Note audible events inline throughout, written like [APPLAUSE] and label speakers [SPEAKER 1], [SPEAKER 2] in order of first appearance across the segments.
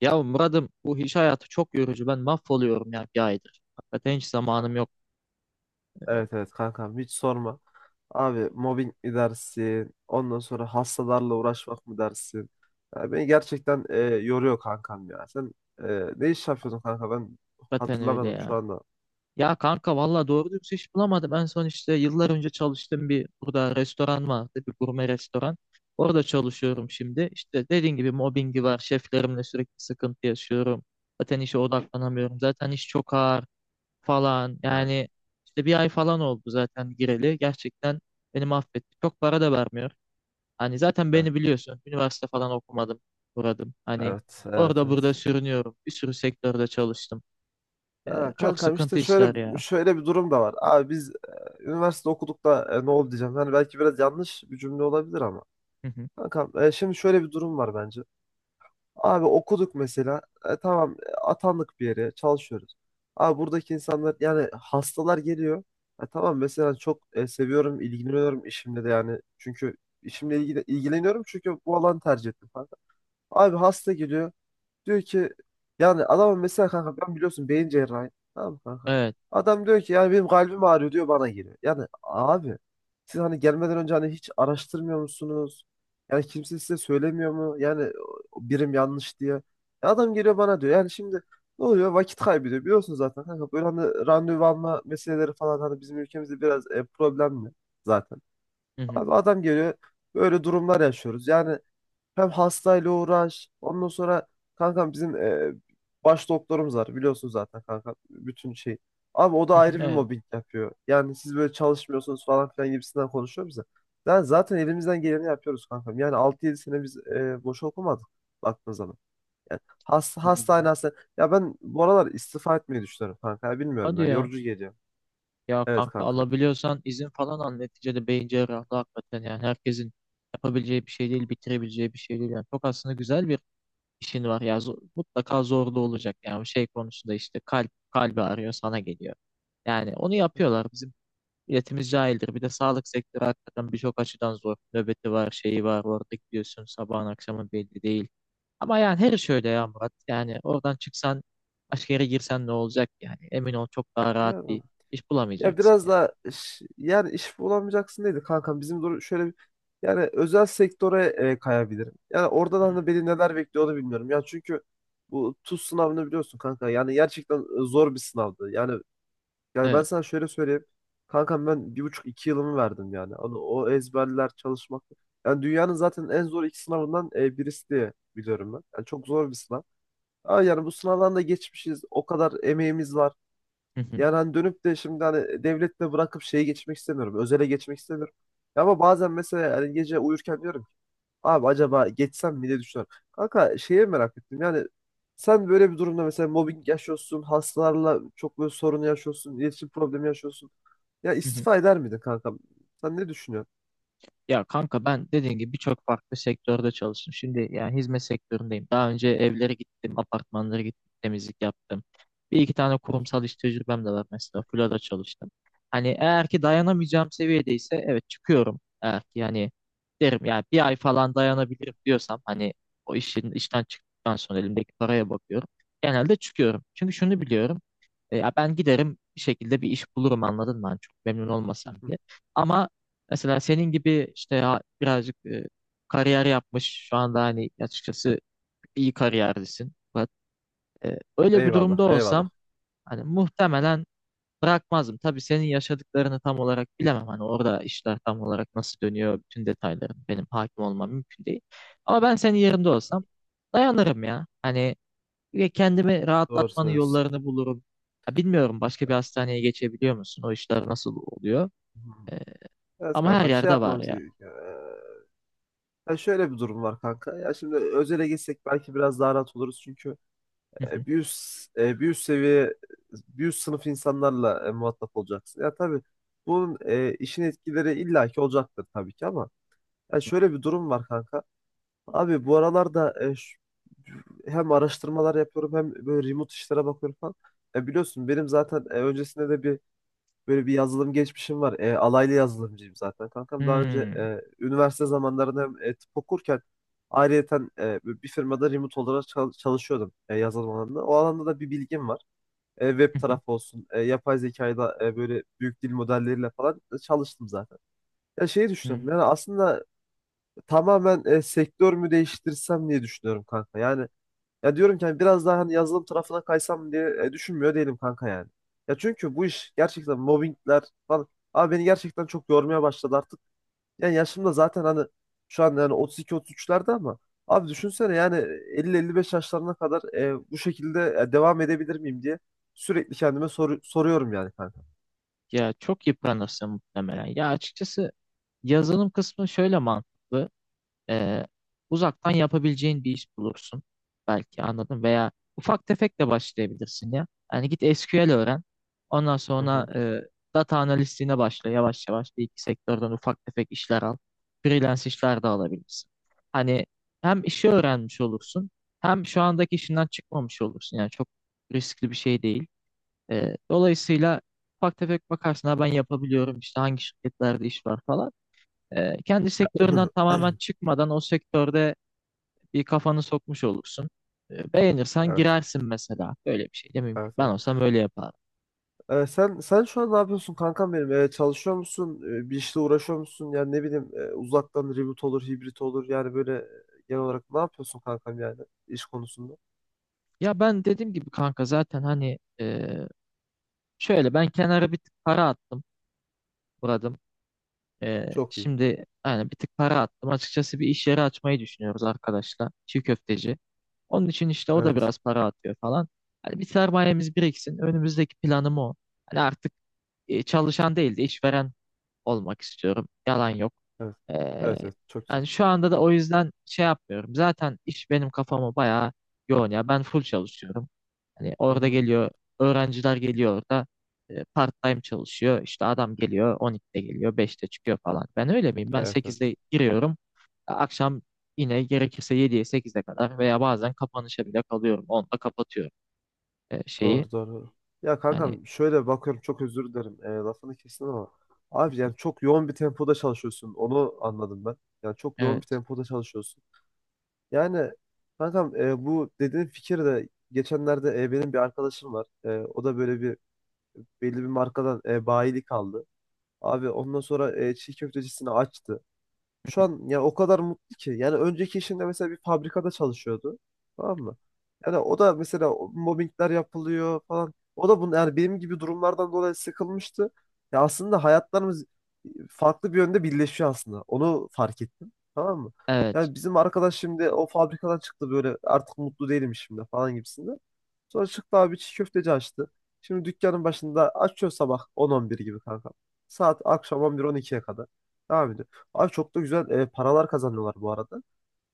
[SPEAKER 1] Ya Murat'ım, bu iş hayatı çok yorucu. Ben mahvoluyorum ya, bir aydır. Hakikaten hiç zamanım yok.
[SPEAKER 2] Evet evet kankam, hiç sorma. Abi mobbing mi dersin? Ondan sonra hastalarla uğraşmak mı dersin? Ya beni gerçekten yoruyor kankam ya. Sen e, ne iş yapıyordun kanka? Ben
[SPEAKER 1] Hakikaten öyle
[SPEAKER 2] hatırlamadım şu
[SPEAKER 1] ya.
[SPEAKER 2] anda.
[SPEAKER 1] Ya kanka, valla doğru dürüst iş bulamadım. En son işte yıllar önce çalıştığım burada restoran vardı. Bir gurme restoran. Orada çalışıyorum şimdi. İşte dediğin gibi mobbingi var. Şeflerimle sürekli sıkıntı yaşıyorum. Zaten işe odaklanamıyorum. Zaten iş çok ağır falan.
[SPEAKER 2] Evet
[SPEAKER 1] Yani işte bir ay falan oldu zaten gireli. Gerçekten beni mahvetti. Çok para da vermiyor. Hani zaten
[SPEAKER 2] evet
[SPEAKER 1] beni biliyorsun. Üniversite falan okumadım, buradım. Hani
[SPEAKER 2] evet evet,
[SPEAKER 1] orada burada
[SPEAKER 2] evet.
[SPEAKER 1] sürünüyorum. Bir sürü sektörde çalıştım.
[SPEAKER 2] Ha,
[SPEAKER 1] Çok
[SPEAKER 2] kankam
[SPEAKER 1] sıkıntı
[SPEAKER 2] işte
[SPEAKER 1] işler
[SPEAKER 2] şöyle
[SPEAKER 1] ya.
[SPEAKER 2] şöyle bir durum da var. Abi biz üniversite okuduk da ne oldu diyeceğim. Yani belki biraz yanlış bir cümle olabilir ama.
[SPEAKER 1] Hı hı.
[SPEAKER 2] Kankam, şimdi şöyle bir durum var bence. Abi okuduk mesela. Tamam, atandık bir yere çalışıyoruz. Abi buradaki insanlar yani hastalar geliyor. Tamam mesela çok seviyorum, ilgileniyorum işimle de yani. Çünkü işimle ilgili, ilgileniyorum çünkü bu alanı tercih ettim falan. Abi hasta geliyor. Diyor ki yani, adamın mesela, kanka ben biliyorsun beyin cerrahi. Tamam mı kanka?
[SPEAKER 1] Evet.
[SPEAKER 2] Adam diyor ki yani benim kalbim ağrıyor diyor, bana geliyor. Yani abi siz hani gelmeden önce hani hiç araştırmıyor musunuz? Yani kimse size söylemiyor mu? Yani o birim yanlış diye. E, adam geliyor bana diyor. Yani şimdi ne oluyor? Vakit kaybediyor. Biliyorsun zaten kanka böyle hani randevu alma meseleleri falan hani bizim ülkemizde biraz problemli zaten.
[SPEAKER 1] Hı hı.
[SPEAKER 2] Abi adam geliyor. Böyle durumlar yaşıyoruz. Yani hem hastayla uğraş. Ondan sonra kankam bizim baş doktorumuz var. Biliyorsun zaten kanka bütün şey. Abi o da
[SPEAKER 1] Hı hı.
[SPEAKER 2] ayrı bir
[SPEAKER 1] Evet.
[SPEAKER 2] mobbing yapıyor. Yani siz böyle çalışmıyorsunuz falan filan gibisinden konuşuyor bize. Yani zaten elimizden geleni yapıyoruz kankam. Yani altı yedi sene biz boş okumadık baktığın zaman. Yani has, hastane
[SPEAKER 1] Yapabilirim.
[SPEAKER 2] hastane. Ya ben bu aralar istifa etmeyi düşünüyorum kanka. Ya bilmiyorum
[SPEAKER 1] Hadi
[SPEAKER 2] ya.
[SPEAKER 1] ya.
[SPEAKER 2] Yorucu geliyor.
[SPEAKER 1] Ya
[SPEAKER 2] Evet
[SPEAKER 1] kanka,
[SPEAKER 2] kankam.
[SPEAKER 1] alabiliyorsan izin falan al. Neticede beyin cerrahı hakikaten yani herkesin yapabileceği bir şey değil, bitirebileceği bir şey değil. Yani çok aslında güzel bir işin var ya. Mutlaka zorlu olacak yani şey konusunda, işte kalp, kalbi arıyor sana geliyor. Yani onu yapıyorlar. Bizim milletimiz cahildir. Bir de sağlık sektörü hakikaten birçok açıdan zor. Nöbeti var, şeyi var. Orada gidiyorsun, sabahın akşamın belli değil. Ama yani her iş öyle ya Murat. Yani oradan çıksan başka yere girsen ne olacak yani? Emin ol, çok daha rahat
[SPEAKER 2] Ya,
[SPEAKER 1] bir iş
[SPEAKER 2] ya
[SPEAKER 1] bulamayacaksın
[SPEAKER 2] biraz
[SPEAKER 1] yani.
[SPEAKER 2] da yani iş bulamayacaksın dedi kankam. Bizim doğru şöyle bir, yani özel sektöre kayabilirim. Yani orada da
[SPEAKER 1] Hmm.
[SPEAKER 2] hani beni neler bekliyor onu bilmiyorum. Ya çünkü bu TUS sınavını biliyorsun kanka. Yani gerçekten zor bir sınavdı. Yani, ben
[SPEAKER 1] Evet.
[SPEAKER 2] sana şöyle söyleyeyim. Kankam ben 1,5-2 yılımı verdim yani. Onu, o ezberler çalışmak. Yani dünyanın zaten en zor iki sınavından birisi diye biliyorum ben. Yani çok zor bir sınav. Ama yani bu sınavdan da geçmişiz. O kadar emeğimiz var.
[SPEAKER 1] Hı hı.
[SPEAKER 2] Yani hani dönüp de şimdi hani devletle bırakıp şeye geçmek istemiyorum. Özele geçmek istemiyorum. Ya ama bazen mesela hani gece uyurken diyorum ki abi acaba geçsem mi diye düşünüyorum. Kanka şeye merak ettim yani, sen böyle bir durumda mesela mobbing yaşıyorsun, hastalarla çok böyle sorunu yaşıyorsun, iletişim problemi yaşıyorsun. Ya
[SPEAKER 1] Hı hı.
[SPEAKER 2] istifa eder miydin kanka? Sen ne düşünüyorsun?
[SPEAKER 1] Ya kanka, ben dediğim gibi birçok farklı sektörde çalıştım. Şimdi yani hizmet sektöründeyim. Daha önce evlere gittim, apartmanlara gittim, temizlik yaptım. Bir iki tane
[SPEAKER 2] [LAUGHS]
[SPEAKER 1] kurumsal iş tecrübem de var mesela. Filoda çalıştım. Hani eğer ki dayanamayacağım seviyedeyse, evet, çıkıyorum. Eğer ki yani derim yani bir ay falan dayanabilirim diyorsam, hani o işin, işten çıktıktan sonra elimdeki paraya bakıyorum. Genelde çıkıyorum. Çünkü şunu biliyorum. Ya ben giderim bir şekilde bir iş bulurum, anladın mı? Hani çok memnun
[SPEAKER 2] Hı
[SPEAKER 1] olmasam
[SPEAKER 2] hı.
[SPEAKER 1] bile. Ama mesela senin gibi işte ya birazcık kariyer yapmış, şu anda hani açıkçası iyi kariyerlisin. Fakat öyle bir
[SPEAKER 2] Eyvallah,
[SPEAKER 1] durumda olsam
[SPEAKER 2] eyvallah.
[SPEAKER 1] hani muhtemelen bırakmazdım. Tabii senin yaşadıklarını tam olarak bilemem. Hani orada işler tam olarak nasıl dönüyor, bütün detayları benim hakim olmam mümkün değil. Ama ben senin yerinde olsam dayanırım ya. Hani ve kendimi
[SPEAKER 2] Doğru
[SPEAKER 1] rahatlatmanın
[SPEAKER 2] söylüyorsun.
[SPEAKER 1] yollarını bulurum. Ya bilmiyorum, başka bir hastaneye geçebiliyor musun? O işler nasıl oluyor?
[SPEAKER 2] Hmm.
[SPEAKER 1] Ee,
[SPEAKER 2] Evet
[SPEAKER 1] Ama her
[SPEAKER 2] kankam, şey
[SPEAKER 1] yerde var
[SPEAKER 2] yapmamız
[SPEAKER 1] ya.
[SPEAKER 2] gerekiyor. Ya şöyle bir durum var kanka. Ya şimdi özele geçsek belki biraz daha rahat oluruz çünkü bir
[SPEAKER 1] [LAUGHS]
[SPEAKER 2] üst, bir üst seviye, bir üst sınıf insanlarla muhatap olacaksın. Ya tabii bunun işin etkileri illaki olacaktır tabii ki ama ya şöyle bir durum var kanka. Abi bu aralarda hem araştırmalar yapıyorum hem böyle remote işlere bakıyorum falan. Biliyorsun benim zaten öncesinde de bir, böyle bir yazılım geçmişim var. Alaylı yazılımcıyım zaten kankam. Daha önce
[SPEAKER 1] Hmm.
[SPEAKER 2] üniversite zamanlarında hem tıp okurken ayrıyeten bir firmada remote olarak çalışıyordum yazılım alanında. O alanda da bir bilgim var. Web tarafı
[SPEAKER 1] [LAUGHS]
[SPEAKER 2] olsun, yapay zekayla böyle büyük dil modelleriyle falan çalıştım zaten. Ya şeyi düşünüyorum.
[SPEAKER 1] Hmm.
[SPEAKER 2] Yani aslında tamamen sektör mü değiştirsem diye düşünüyorum kanka. Yani ya diyorum ki hani biraz daha hani yazılım tarafına kaysam diye düşünmüyor değilim kanka yani. Ya çünkü bu iş gerçekten mobbingler falan. Abi beni gerçekten çok yormaya başladı artık. Yani yaşım da zaten hani şu an yani 32-33'lerde ama abi düşünsene yani 50-55 yaşlarına kadar bu şekilde devam edebilir miyim diye sürekli kendime soruyorum yani kanka.
[SPEAKER 1] Ya çok yıpranırsın muhtemelen. Ya açıkçası yazılım kısmı şöyle mantıklı. Ee, Uzaktan yapabileceğin bir iş bulursun. Belki anladım. Veya ufak tefek de başlayabilirsin ya. Yani git SQL öğren. Ondan
[SPEAKER 2] Hı
[SPEAKER 1] sonra
[SPEAKER 2] hı.
[SPEAKER 1] data analistliğine başla. Yavaş yavaş bir iki sektörden ufak tefek işler al. Freelance işler de alabilirsin. Hani hem işi öğrenmiş olursun hem şu andaki işinden çıkmamış olursun. Yani çok riskli bir şey değil. Dolayısıyla ufak tefek bakarsın, ha ben yapabiliyorum işte, hangi şirketlerde iş var falan. Kendi sektöründen tamamen çıkmadan o sektörde bir kafanı sokmuş olursun. Beğenirsen
[SPEAKER 2] Evet,
[SPEAKER 1] girersin mesela. Böyle bir şey de mümkün.
[SPEAKER 2] evet,
[SPEAKER 1] Ben
[SPEAKER 2] evet.
[SPEAKER 1] olsam öyle yapardım.
[SPEAKER 2] Sen şu an ne yapıyorsun kankam benim? Çalışıyor musun? Bir işle uğraşıyor musun? Yani ne bileyim, uzaktan reboot olur, hibrit olur. Yani böyle genel olarak ne yapıyorsun kankam yani iş konusunda?
[SPEAKER 1] Ya ben dediğim gibi kanka, zaten hani şöyle, ben kenara bir tık para attım Murat'ım.
[SPEAKER 2] Çok iyi.
[SPEAKER 1] Şimdi yani bir tık para attım. Açıkçası bir iş yeri açmayı düşünüyoruz arkadaşlar. Çiğ köfteci. Onun için işte o da
[SPEAKER 2] Evet.
[SPEAKER 1] biraz para atıyor falan. Hani bir sermayemiz biriksin. Önümüzdeki planım o. Hani artık çalışan değil de işveren olmak istiyorum. Yalan yok.
[SPEAKER 2] Evet.
[SPEAKER 1] Ee,
[SPEAKER 2] Evet evet. Çok güzel.
[SPEAKER 1] Yani şu anda da o yüzden şey yapmıyorum. Zaten iş benim kafamı bayağı yoğun ya. Ben full çalışıyorum. Hani
[SPEAKER 2] Hı
[SPEAKER 1] orada
[SPEAKER 2] hı.
[SPEAKER 1] geliyor, öğrenciler geliyor orada. Part time çalışıyor. İşte adam geliyor, 12'de geliyor, 5'te çıkıyor falan. Ben öyle miyim? Ben
[SPEAKER 2] Evet evet.
[SPEAKER 1] 8'de giriyorum. Akşam yine gerekirse 7'ye 8'e kadar veya bazen kapanışa bile kalıyorum. 10'da kapatıyorum şeyi.
[SPEAKER 2] Doğru doğru. Ya
[SPEAKER 1] Hani
[SPEAKER 2] kankam şöyle bakıyorum, çok özür dilerim. Lafını kestim ama. Abi yani çok yoğun bir tempoda çalışıyorsun. Onu anladım ben. Yani çok yoğun
[SPEAKER 1] evet,
[SPEAKER 2] bir tempoda çalışıyorsun. Yani kankam, bu dediğin fikir de geçenlerde, benim bir arkadaşım var. E, o da böyle bir belli bir markadan bayilik aldı. Abi ondan sonra çiğ köftecisini açtı. Şu an ya o kadar mutlu ki. Yani önceki işinde mesela bir fabrikada çalışıyordu. Tamam mı? Yani o da mesela mobbingler yapılıyor falan. O da bunu yani benim gibi durumlardan dolayı sıkılmıştı. Ya aslında hayatlarımız farklı bir yönde birleşiyor aslında. Onu fark ettim. Tamam mı?
[SPEAKER 1] evet.
[SPEAKER 2] Yani bizim arkadaş şimdi o fabrikadan çıktı, böyle artık mutlu değilim şimdi falan gibisinde. Sonra çıktı abi, çiğ köfteci açtı. Şimdi dükkanın başında açıyor sabah 10-11 gibi kanka. Saat akşam 11-12'ye kadar. Devam ediyor. Abi çok da güzel paralar kazanıyorlar bu arada.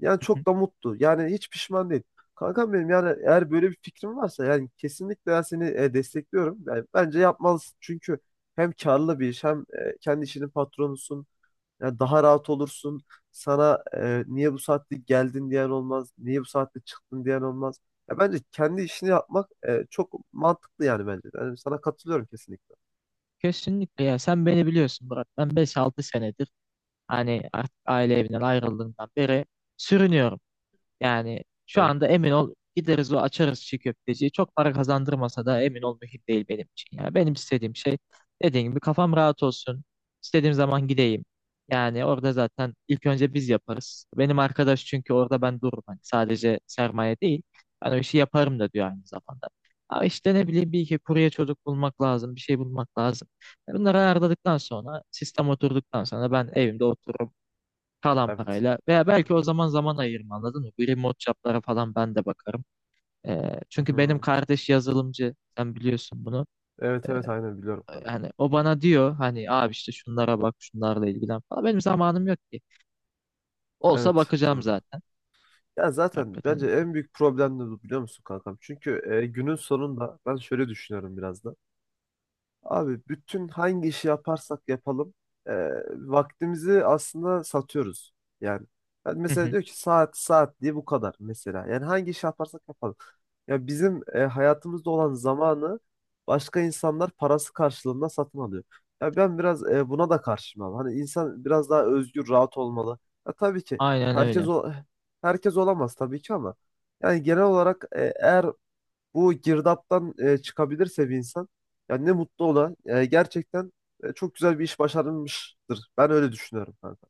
[SPEAKER 2] Yani çok da
[SPEAKER 1] [LAUGHS]
[SPEAKER 2] mutlu. Yani hiç pişman değil. Kankam benim yani eğer böyle bir fikrin varsa yani kesinlikle ben seni destekliyorum. Yani bence yapmalısın. Çünkü hem karlı bir iş hem kendi işinin patronusun. Yani daha rahat olursun. Sana niye bu saatte geldin diyen olmaz. Niye bu saatte çıktın diyen olmaz. Ya bence kendi işini yapmak çok mantıklı yani bence. Yani sana katılıyorum kesinlikle.
[SPEAKER 1] Kesinlikle ya, sen beni biliyorsun Murat. Ben 5-6 senedir, hani artık aile evinden ayrıldığından beri sürünüyorum. Yani şu
[SPEAKER 2] Evet,
[SPEAKER 1] anda emin ol, gideriz o açarız çiğ köfteciyi. Çok para kazandırmasa da emin ol, mühim değil benim için. Yani benim istediğim şey, dediğim gibi, kafam rahat olsun. İstediğim zaman gideyim. Yani orada zaten ilk önce biz yaparız. Benim arkadaş çünkü orada ben dururum. Hani sadece sermaye değil. Ben o işi yaparım da diyor aynı zamanda. Ama işte ne bileyim, bir iki kurye çocuk bulmak lazım. Bir şey bulmak lazım. Bunları ayarladıktan sonra, sistem oturduktan sonra ben evimde otururum kalan
[SPEAKER 2] evet,
[SPEAKER 1] parayla, veya
[SPEAKER 2] evet.
[SPEAKER 1] belki o zaman zaman ayırma, anladın mı? Bu remote job'lara falan ben de bakarım.
[SPEAKER 2] Hı
[SPEAKER 1] Çünkü benim
[SPEAKER 2] hı.
[SPEAKER 1] kardeş yazılımcı, sen biliyorsun bunu.
[SPEAKER 2] Evet, evet aynen biliyorum ben.
[SPEAKER 1] Yani o bana diyor hani abi işte şunlara bak, şunlarla ilgilen falan. Benim zamanım yok ki. Olsa
[SPEAKER 2] Evet,
[SPEAKER 1] bakacağım
[SPEAKER 2] doğru.
[SPEAKER 1] zaten.
[SPEAKER 2] Ya zaten
[SPEAKER 1] Hakikaten
[SPEAKER 2] bence
[SPEAKER 1] öyle.
[SPEAKER 2] en büyük problem de bu biliyor musun kankam? Çünkü günün sonunda ben şöyle düşünüyorum biraz da. Abi bütün hangi işi yaparsak yapalım, e, vaktimizi aslında satıyoruz. Yani ben
[SPEAKER 1] Hı
[SPEAKER 2] mesela
[SPEAKER 1] hı.
[SPEAKER 2] diyor ki saat saat diye bu kadar mesela. Yani hangi işi yaparsak yapalım. Ya bizim hayatımızda olan zamanı başka insanlar parası karşılığında satın alıyor. Ya ben biraz buna da karşıyım abi. Hani insan biraz daha özgür, rahat olmalı. Ya tabii ki
[SPEAKER 1] Aynen
[SPEAKER 2] herkes
[SPEAKER 1] öyle.
[SPEAKER 2] o herkes olamaz tabii ki ama yani genel olarak, eğer bu girdaptan çıkabilirse bir insan, yani ne mutlu ona. Gerçekten çok güzel bir iş başarılmıştır. Ben öyle düşünüyorum kanka.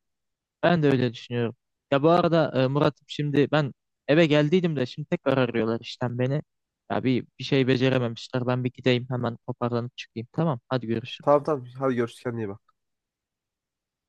[SPEAKER 1] Ben de öyle düşünüyorum. Ya bu arada Murat'ım, şimdi ben eve geldiydim de, şimdi tekrar arıyorlar işten beni. Ya bir şey becerememişler. Ben bir gideyim hemen, toparlanıp çıkayım. Tamam, hadi
[SPEAKER 2] Tamam
[SPEAKER 1] görüşürüz.
[SPEAKER 2] tamam. Hadi görüşürüz. Kendine iyi bak.